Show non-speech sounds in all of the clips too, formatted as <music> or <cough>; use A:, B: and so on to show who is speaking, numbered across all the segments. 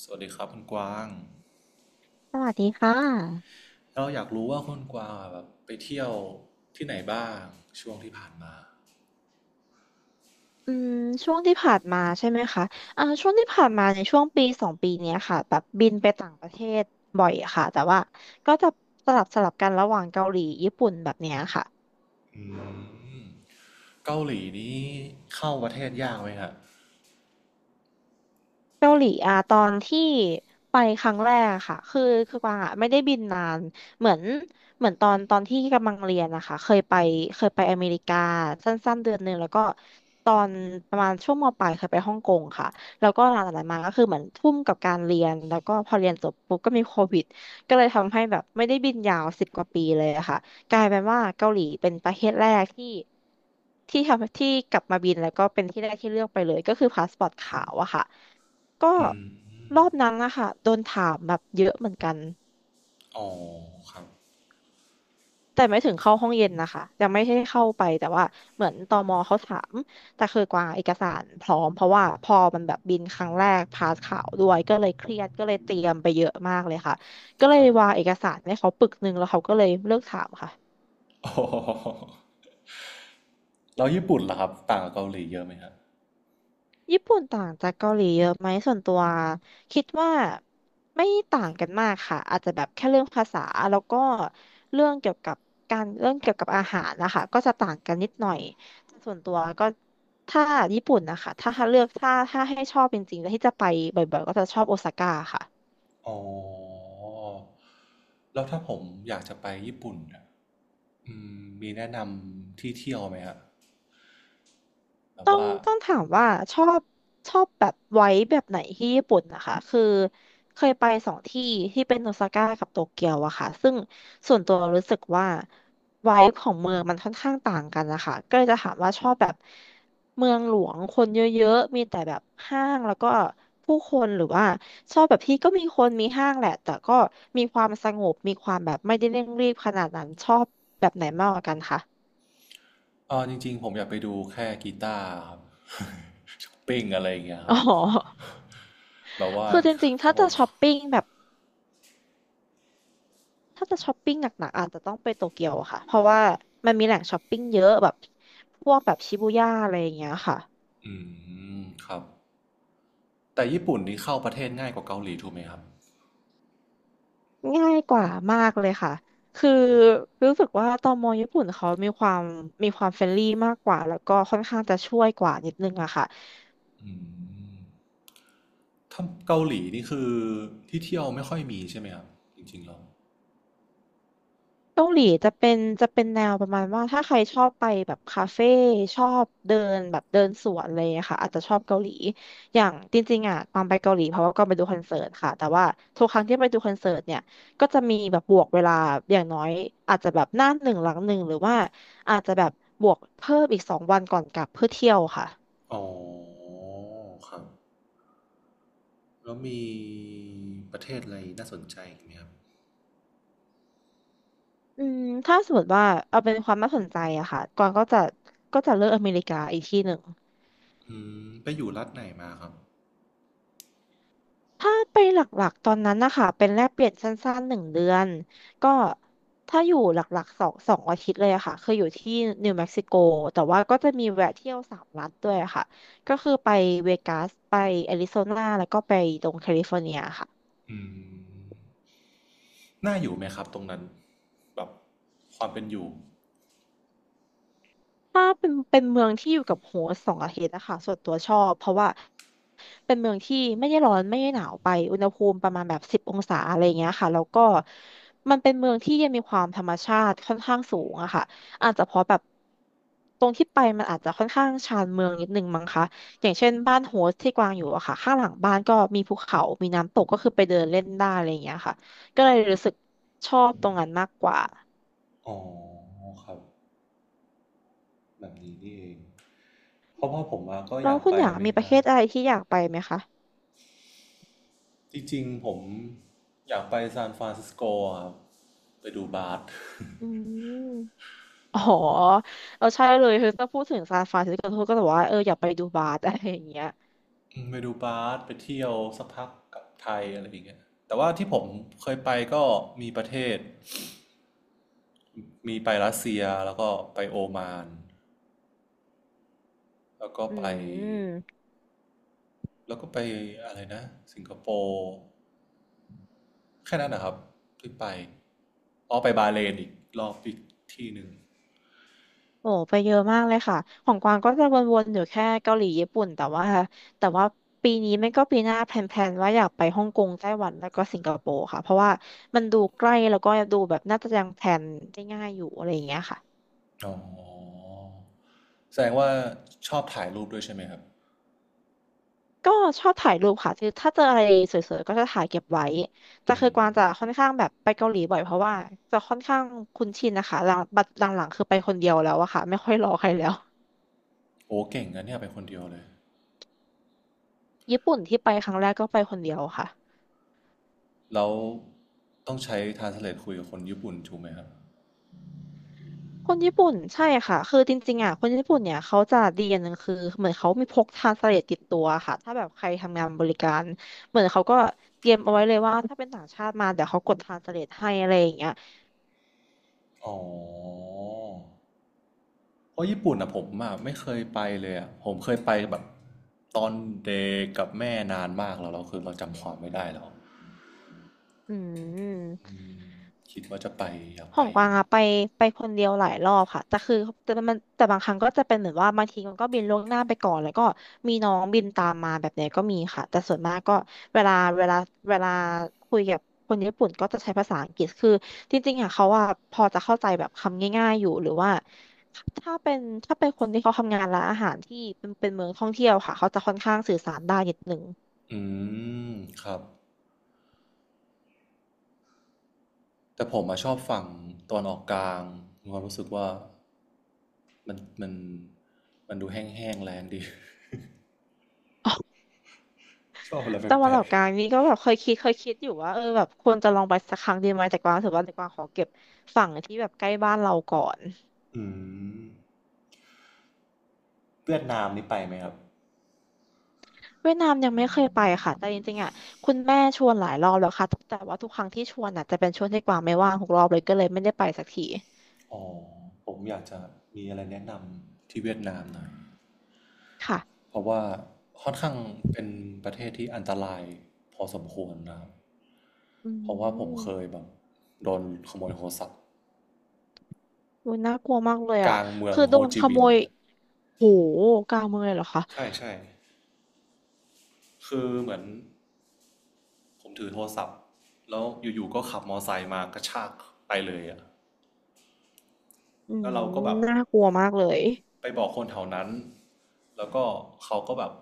A: สวัสดีครับคุณกวาง
B: สวัสดีค่ะ
A: เราอยากรู้ว่าคุณกวางอะแบบไปเที่ยวที่ไหนบ้างช่วงที่ผ่านมา
B: อืมช่วงที่ผ่านมาใช่ไหมคะช่วงที่ผ่านมาในช่วงปีสองปีเนี้ยค่ะแบบบินไปต่างประเทศบ่อยค่ะ แต่ว่าก็จะสลับกันระหว่างเกาหลีญี่ปุ่นแบบเนี้ยค่ะ
A: อืมเกาหลีนี้เข้าประเทศยากไหมครับ
B: เกาหลีอะตอนที่ไปครั้งแรกอะค่ะคือกวางอะไม่ได้บินนานเหมือนเหมือนตอนที่กำลังเรียนนะคะเคยไปอเมริกาสั้นๆเดือนหนึ่งแล้วก็ตอนประมาณช่วงมปลายเคยไปฮ่องกงค่ะแล้วก็หลังจากนั้นมาก็คือเหมือนทุ่มกับการเรียนแล้วก็พอเรียนจบปุ๊บก็มีโควิดก็เลยทำให้แบบไม่ได้บินยาว10 กว่าปีเลยอะค่ะกลายเป็นว่าเกาหลีเป็นประเทศแรกที่ที่ทำที่กลับมาบินแล้วก็เป็นที่แรกที่เลือกไปเลยก็คือพาสปอร์ตขาวอะค่ะ ก็
A: อืม
B: รอบนั้นนะคะโดนถามแบบเยอะเหมือนกัน
A: อ๋อครับ
B: แต่ไม่ถึงเข้าห้องเย็นนะคะยังไม่ได้เข้าไปแต่ว่าเหมือนตมเขาถามแต่คือกวางเอกสารพร้อมเพราะว่าพอมันแบบบินครั้งแรกพาสข่าวด้วยก็เลยเครียดก็เลยเตรียมไปเยอะมากเลยค่ะก็เล
A: ค
B: ย
A: รับ
B: วางเอกสารให้เขาปึกหนึ่งแล้วเขาก็เลยเลิกถามค่ะ
A: อ๋อแล้วญี่ปุ่นล่ะครับต่างกับเกาหลีเยอะไหมครับ
B: ญี่ปุ่นต่างจากเกาหลีเยอะไหมส่วนตัวคิดว่าไม่ต่างกันมากค่ะอาจจะแบบแค่เรื่องภาษาแล้วก็เรื่องเกี่ยวกับการเรื่องเกี่ยวกับอาหารนะคะก็จะต่างกันนิดหน่อยแต่ส่วนตัวก็ถ้าญี่ปุ่นนะคะถ้าเลือกถ้าให้ชอบจริงๆแล้วที่จะไปบ่อยๆก็จะชอบโอซาก้าค่ะ
A: อ๋อแล้วถ้าผมอยากจะไปญี่ปุ่นอะมีแนะนำที่เที่ยวไหมครับแบบ
B: ต้อง
A: ว่า
B: ต้องถามว่าชอบชอบแบบไว้แบบไหนที่ญี่ปุ่นนะคะคือเคยไปสองที่ที่เป็นโอซาก้ากับโตเกียวอะค่ะซึ่งส่วนตัวรู้สึกว่าไว้ของเมืองมันค่อนข้างต่างกันนะคะก็เลยจะถามว่าชอบแบบเมืองหลวงคนเยอะๆมีแต่แบบห้างแล้วก็ผู้คนหรือว่าชอบแบบที่ก็มีคนมีห้างแหละแต่ก็มีความสงบมีความแบบไม่ได้เร่งรีบขนาดนั้นชอบแบบไหนมากกว่ากันคะ
A: อ๋อจริงๆผมอยากไปดูแค่กีตาร์ครับ <laughs> ช้อปปิ้งอะไรอย่างเงี้ยครับ แบบว่า
B: คือจริงๆ
A: เขา
B: ถ้า
A: บอก
B: ถ้าจะช้อปปิ้งหนักๆอาจจะต้องไปโตเกียวอะค่ะเพราะว่ามันมีแหล่งช้อปปิ้งเยอะแบบพวกแบบชิบูย่าอะไรอย่างเงี้ยค่ะ
A: อืมครับแต่ญี่ปุ่นนี่เข้าประเทศง่ายกว่าเกาหลีถูกไหมครับ
B: ง่ายกว่ามากเลยค่ะคือรู้สึกว่าตมญี่ปุ่นเขามีความเฟรนลี่มากกว่าแล้วก็ค่อนข้างจะช่วยกว่านิดนึงอะค่ะ
A: อืมถ้าเกาหลีนี่คือที่เที่ยวไม่ค่อยมีใช่ไหมครับจริงๆแล้ว
B: เกาหลีจะเป็นแนวประมาณว่าถ้าใครชอบไปแบบคาเฟ่ชอบเดินแบบเดินสวนเลยอะรค่ะอาจจะชอบเกาหลีอย่างจริงๆอ่ะตอนไปเกาหลีเพราะว่าก็ไปดูคอนเสิร์ตค่ะแต่ว่าทุกครั้งที่ไปดูคอนเสิร์ตเนี่ยก็จะมีแบบบวกเวลาอย่างน้อยอาจจะแบบหน้าหนึ่งหลังหนึ่งหรือว่าอาจจะแบบบวกเพิ่มอีก2 วันก่อนกลับเพื่อเที่ยวค่ะ
A: อ๋อครับแล้วมีประเทศอะไรน่าสนใจอีกไหมครับ
B: อืมถ้าสมมติว่าเอาเป็นความน่าสนใจอะค่ะก่านก็จะเลือกอเมริกาอีกที่หนึ่ง
A: อืมไปอยู่รัฐไหนมาครับ
B: ถ้าไปหลักๆตอนนั้นนะคะเป็นแลกเปลี่ยนสั้นๆ1 เดือนก็ถ้าอยู่หลักๆสองอาทิตย์เลยอะค่ะคืออยู่ที่นิวเม็กซิโกแต่ว่าก็จะมีแวะเที่ยว3 รัฐด้วยอะค่ะก็คือไปเวกัสไปแอริโซนาแล้วก็ไปตรงแคลิฟอร์เนียค่ะ
A: อืมน่าอยู่ไหมครับตรงนั้นแบบความเป็นอยู่
B: ถ้าเป็นเมืองที่อยู่กับโฮสต์สองอาทิตย์นะคะส่วนตัวชอบเพราะว่าเป็นเมืองที่ไม่ได้ร้อนไม่ได้หนาวไปอุณหภูมิประมาณแบบ10 องศาอะไรเงี้ยค่ะแล้วก็มันเป็นเมืองที่ยังมีความธรรมชาติค่อนข้างสูงอะค่ะอาจจะเพราะแบบตรงที่ไปมันอาจจะค่อนข้างชานเมืองนิดนึงมั้งคะอย่างเช่นบ้านโฮสต์ที่กวางอยู่อะค่ะข้างหลังบ้านก็มีภูเขามีน้ำตกก็คือไปเดินเล่นได้อะไรเงี้ยค่ะก็เลยรู้สึกชอบตรงนั้นมากกว่า
A: อ๋อครับแบบนี้นี่เองเพราะพ่อผมมาก็อยากไปอเมริ
B: ประ
A: กา
B: เทศอะไรที่อยากไปไหมคะ
A: จริงๆผมอยากไปซานฟรานซิสโกครับไปดูบาส
B: อ๋อเราใช่เลยคือถ้าพูดถึงซานฟรานซิสโกก็แต่อว่าเอออยากไปดูบาร์ <laughs> อะไรอย่างเงี้ย
A: อืมไปดูบาสไปเที่ยวสักพักกลับไทยอะไรอย่างเงี้ยแต่ว่าที่ผมเคยไปก็มีประเทศมีไปรัสเซียแล้วก็ไปโอมานแล้วก็
B: อื
A: ไป
B: ม
A: แล้วก็ไปอะไรนะสิงคโปร์แค่นั้นนะครับที่ไปอ๋อไปบาห์เลนอีกรอบอีกที่หนึ่ง
B: โอ้ไปเยอะมากเลยค่ะ ของกวางก็จะวนๆอยู่แค่เกาหลีญี่ปุ่นแต่ว่าปีนี้ไม่ก็ปีหน้าแพลนๆ ว่าอยากไปฮ่องกงไต้หวันแล้วก็สิงคโปร์ค่ะเพราะว่ามันดูใกล้แล้วก็ดูแบบน่าจะยังแพลนได้ง่ายอยู่อะไรอย่างเงี้ยค่ะ
A: อ๋อแสดงว่าชอบถ่ายรูปด้วยใช่ไหมครับ
B: ก็ชอบถ่ายรูปค่ะคือถ้าเจออะไรสวยๆก็จะถ่ายเก็บไว้แต่คือกวางจะค่อนข้างแบบไปเกาหลีบ่อยเพราะว่าจะค่อนข้างคุ้นชินนะคะหลังบัดหลังๆคือไปคนเดียวแล้วอะค่ะไม่ค่อยรอใครแล้ว
A: โอ้เก่งนะเนี่ยไปคนเดียวเลย
B: ญี่ปุ่นที่ไปครั้งแรกก็ไปคนเดียวค่ะ
A: แล้วต้องใช้ Translate คุยกับคนญี่ปุ่นถูกไหมครับ
B: คนญี่ปุ่นใช่ค่ะคือจริงๆอะคนญี่ปุ่นเนี่ยเขาจะดีอย่างหนึ่งคือเหมือนเขามีพกทรานสเลทติดตัวค่ะถ้าแบบใครทำงานบริการเหมือนเขาก็เตรียมเอาไว้เลยว่าถ้าเป็นต่างชาติมาเดี๋ยวเขากดทรานสเลทให้อะไรอย่างเงี้ย
A: อ๋อ เพราะญี่ปุ่นอะผมอะไม่เคยไปเลยอะผมเคยไปแบบตอนเด็กกับแม่นานมากแล้วเราคือเราจำความไม่ได้แล้ว
B: อืม
A: อืมคิดว่าจะไปอยากไป
B: ของ
A: อ
B: ก
A: ยู่
B: วาง
A: นะ
B: อะไปไปคนเดียวหลายรอบค่ะแต่คือแต่มันแต่บางครั้งก็จะเป็นเหมือนว่าบางทีมันก็บินล่วงหน้าไปก่อนแล้วก็มีน้องบินตามมาแบบเนี้ยก็มีค่ะแต่ส่วนมากก็เวลาเวลาเวลาคุยกับคนญี่ปุ่นก็จะใช้ภาษาอังกฤษคือจริงๆอะเขาอะพอจะเข้าใจแบบคำง่ายๆอยู่หรือว่าถ้าเป็นถ้าเป็นคนที่เขาทำงานร้านอาหารที่เป็นเมืองท่องเที่ยวค่ะเขาจะค่อนข้างสื่อสารได้นิดนึง
A: อืมครับแต่ผมอะชอบฝั่งตอนออกกลางมีความรู้สึกว่ามันมันดูแห้งๆแรงดี <laughs> ชอบอะไร
B: ตะวั
A: แป
B: น
A: ล
B: ออ
A: ก
B: กกลางนี่ก็แบบเคยคิดอยู่ว่าเออแบบควรจะลองไปสักครั้งดีไหมแต่กวางรู้สึกว่าแต่กวางขอเก็บฝั่งที่แบบใกล้บ้านเราก่อน
A: ๆ อืมเวียดนามนี่ไปไหมครับ
B: เวียดนามยังไม่เคยไปค่ะแต่จริงๆอ่ะคุณแม่ชวนหลายรอบแล้วค่ะแต่ว่าทุกครั้งที่ชวนอ่ะจะเป็นช่วงที่กวางไม่ว่างทุกรอบเลยก็เลยไม่ได้ไปสักที
A: อ๋อผมอยากจะมีอะไรแนะนำที่เวียดนามหน่อย
B: ค่ะ
A: เพราะว่าค่อนข้างเป็นประเทศที่อันตรายพอสมควรนะครับ
B: อื
A: เพราะว่าผม
B: ม
A: เคยแบบโดนขโมยโทรศัพท์
B: โอ้ยน่ากลัวมากเลย
A: ก
B: อ่ะ
A: ลางเมือง
B: คือ
A: โฮ
B: โดน
A: จิ
B: ข
A: มิ
B: โม
A: นห์
B: ยโหกลางเมืองเลยเหรอคะ
A: ใช่ใช่คือเหมือนผมถือโทรศัพท์แล้วอยู่ๆก็ขับมอไซค์มากระชากไปเลยอะ
B: อื
A: แล้ว
B: ม
A: เราก็แบบ
B: น่ากลัวมากเลย
A: ไปบอกคนแถวนั้นแล้วก็เขาก็แบบ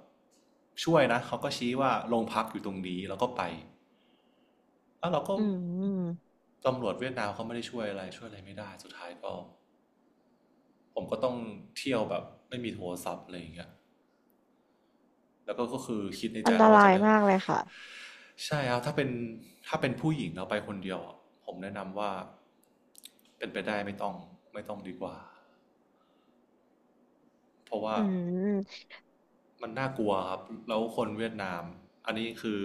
A: ช่วยนะเขาก็ชี้ว่าโรงพักอยู่ตรงนี้แล้วก็ไปแล้วเราก็
B: อืม
A: ตำรวจเวียดนามเขาไม่ได้ช่วยอะไรช่วยอะไรไม่ได้สุดท้ายก็ผมก็ต้องเที่ยวแบบไม่มีโทรศัพท์อะไรอย่างเงี้ยแล้วก็ก็คือคิดในใจ
B: อันต
A: แล้วว่า
B: รา
A: จะ
B: ย
A: ไม่
B: มาก
A: ใช่ครับถ้าเป็นถ้าเป็นผู้หญิงเราไปคนเดียวผมแนะนำว่าเป็นไปได้ไม่ต้องไม่ต้องดีกว่า เพราะว่า
B: อืม
A: มันน่ากลัวครับแล้วคนเวียดนามอันนี้คือ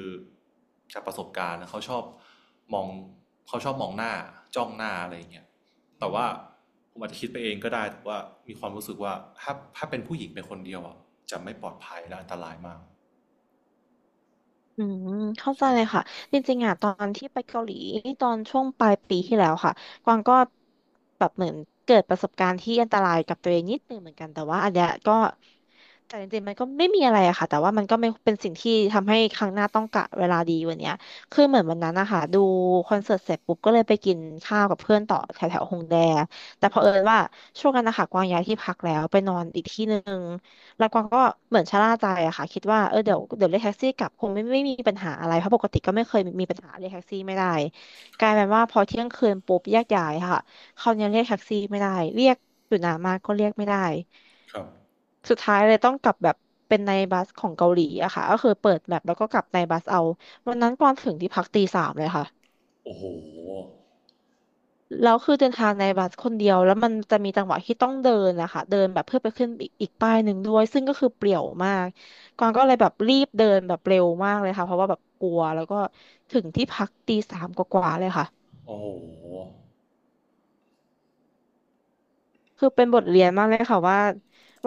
A: จากประสบการณ์นะเขาชอบมองเขาชอบมองหน้าจ้องหน้าอะไรอย่างเงี้ยแต่ว่าผมอาจจะคิดไปเองก็ได้แต่ว่ามีความรู้สึกว่าถ้าเป็นผู้หญิงเป็นคนเดียวอ่ะจะไม่ปลอดภัยและอันตรายมาก
B: อืมเข้าใจ
A: ใช่
B: เลยค่ะจริงๆอ่ะตอนที่ไปเกาหลีตอนช่วงปลายปีที่แล้วค่ะกวางก็แบบเหมือนเกิดประสบการณ์ที่อันตรายกับตัวเองนิดนึงเหมือนกันแต่ว่าอันเนี้ยก็แต่จริงๆมันก็ไม่มีอะไรอะค่ะแต่ว่ามันก็ไม่เป็นสิ่งที่ทำให้ครั้งหน้าต้องกะเวลาดีกวันเนี้ยคือเหมือนวันนั้นนะคะดูคอนเสิร์ตเสร็จปุ๊บก็เลยไปกินข้าวกับเพื่อนต่อแถวแถวฮงแด แต่เผอิญว่าช่วงนั้นนะคะกวางย้ายที่พักแล้วไปนอนอีกที่หนึ่งแล้วกวางก็เหมือนชะล่าใจอะค่ะคิดว่าเออเดี๋ยวเรียกแท็กซี่กลับคงไม่มมีปัญหาอะไรเพราะปกติก็ไม่เคยมีปัญหาเรียกแท็กซี่ไม่ได้
A: ค
B: ก
A: รั
B: ลา
A: บ
B: ยเป็นว่าพอเที่ยงคืนปุ๊บแยกย้ายค่ะเขาวนี้เรียกแท็กซี่ไม่ได้เรียกอยู่นานมากก็เรียกไม่ได้
A: ครับ
B: สุดท้ายเลยต้องกลับแบบเป็นในบัสของเกาหลีอะค่ะก็คือเปิดแมปแล้วก็กลับในบัสเอาวันนั้นกวางถึงที่พักตีสามเลยค่ะ
A: โอ้โห
B: แล้วคือเดินทางในบัสคนเดียวแล้วมันจะมีจังหวะที่ต้องเดินนะคะเดินแบบเพื่อไปขึ้นอีกป้ายหนึ่งด้วยซึ่งก็คือเปลี่ยวมากกวางก็เลยแบบรีบเดินแบบเร็วมากเลยค่ะเพราะว่าแบบกลัวแล้วก็ถึงที่พักตีสามกว่าๆเลยค่ะ
A: โอ้โห
B: คือเป็นบทเรียนมากเลยค่ะว่า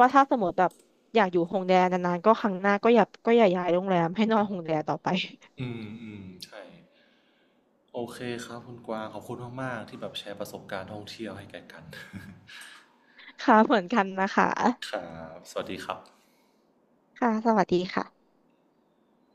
B: ว่าถ้าสมมติแบบอยากอยู่โฮงแดนนานๆก็ครั้งหน้าก็อย่าย้ายโรงแรมให้นอนโฮงแดนต่อไป
A: อืมอืมใช่โอเคครับคุณกวางขอบคุณมากๆที่แบบแชร์ประสบการณ์ท่องเที่ยวให้แก่กัน <laughs>
B: <laughs> ค่ะเหมือนกันนะคะ
A: ครับสวัสดีครับ
B: ค่ะสวัสดีค่ะ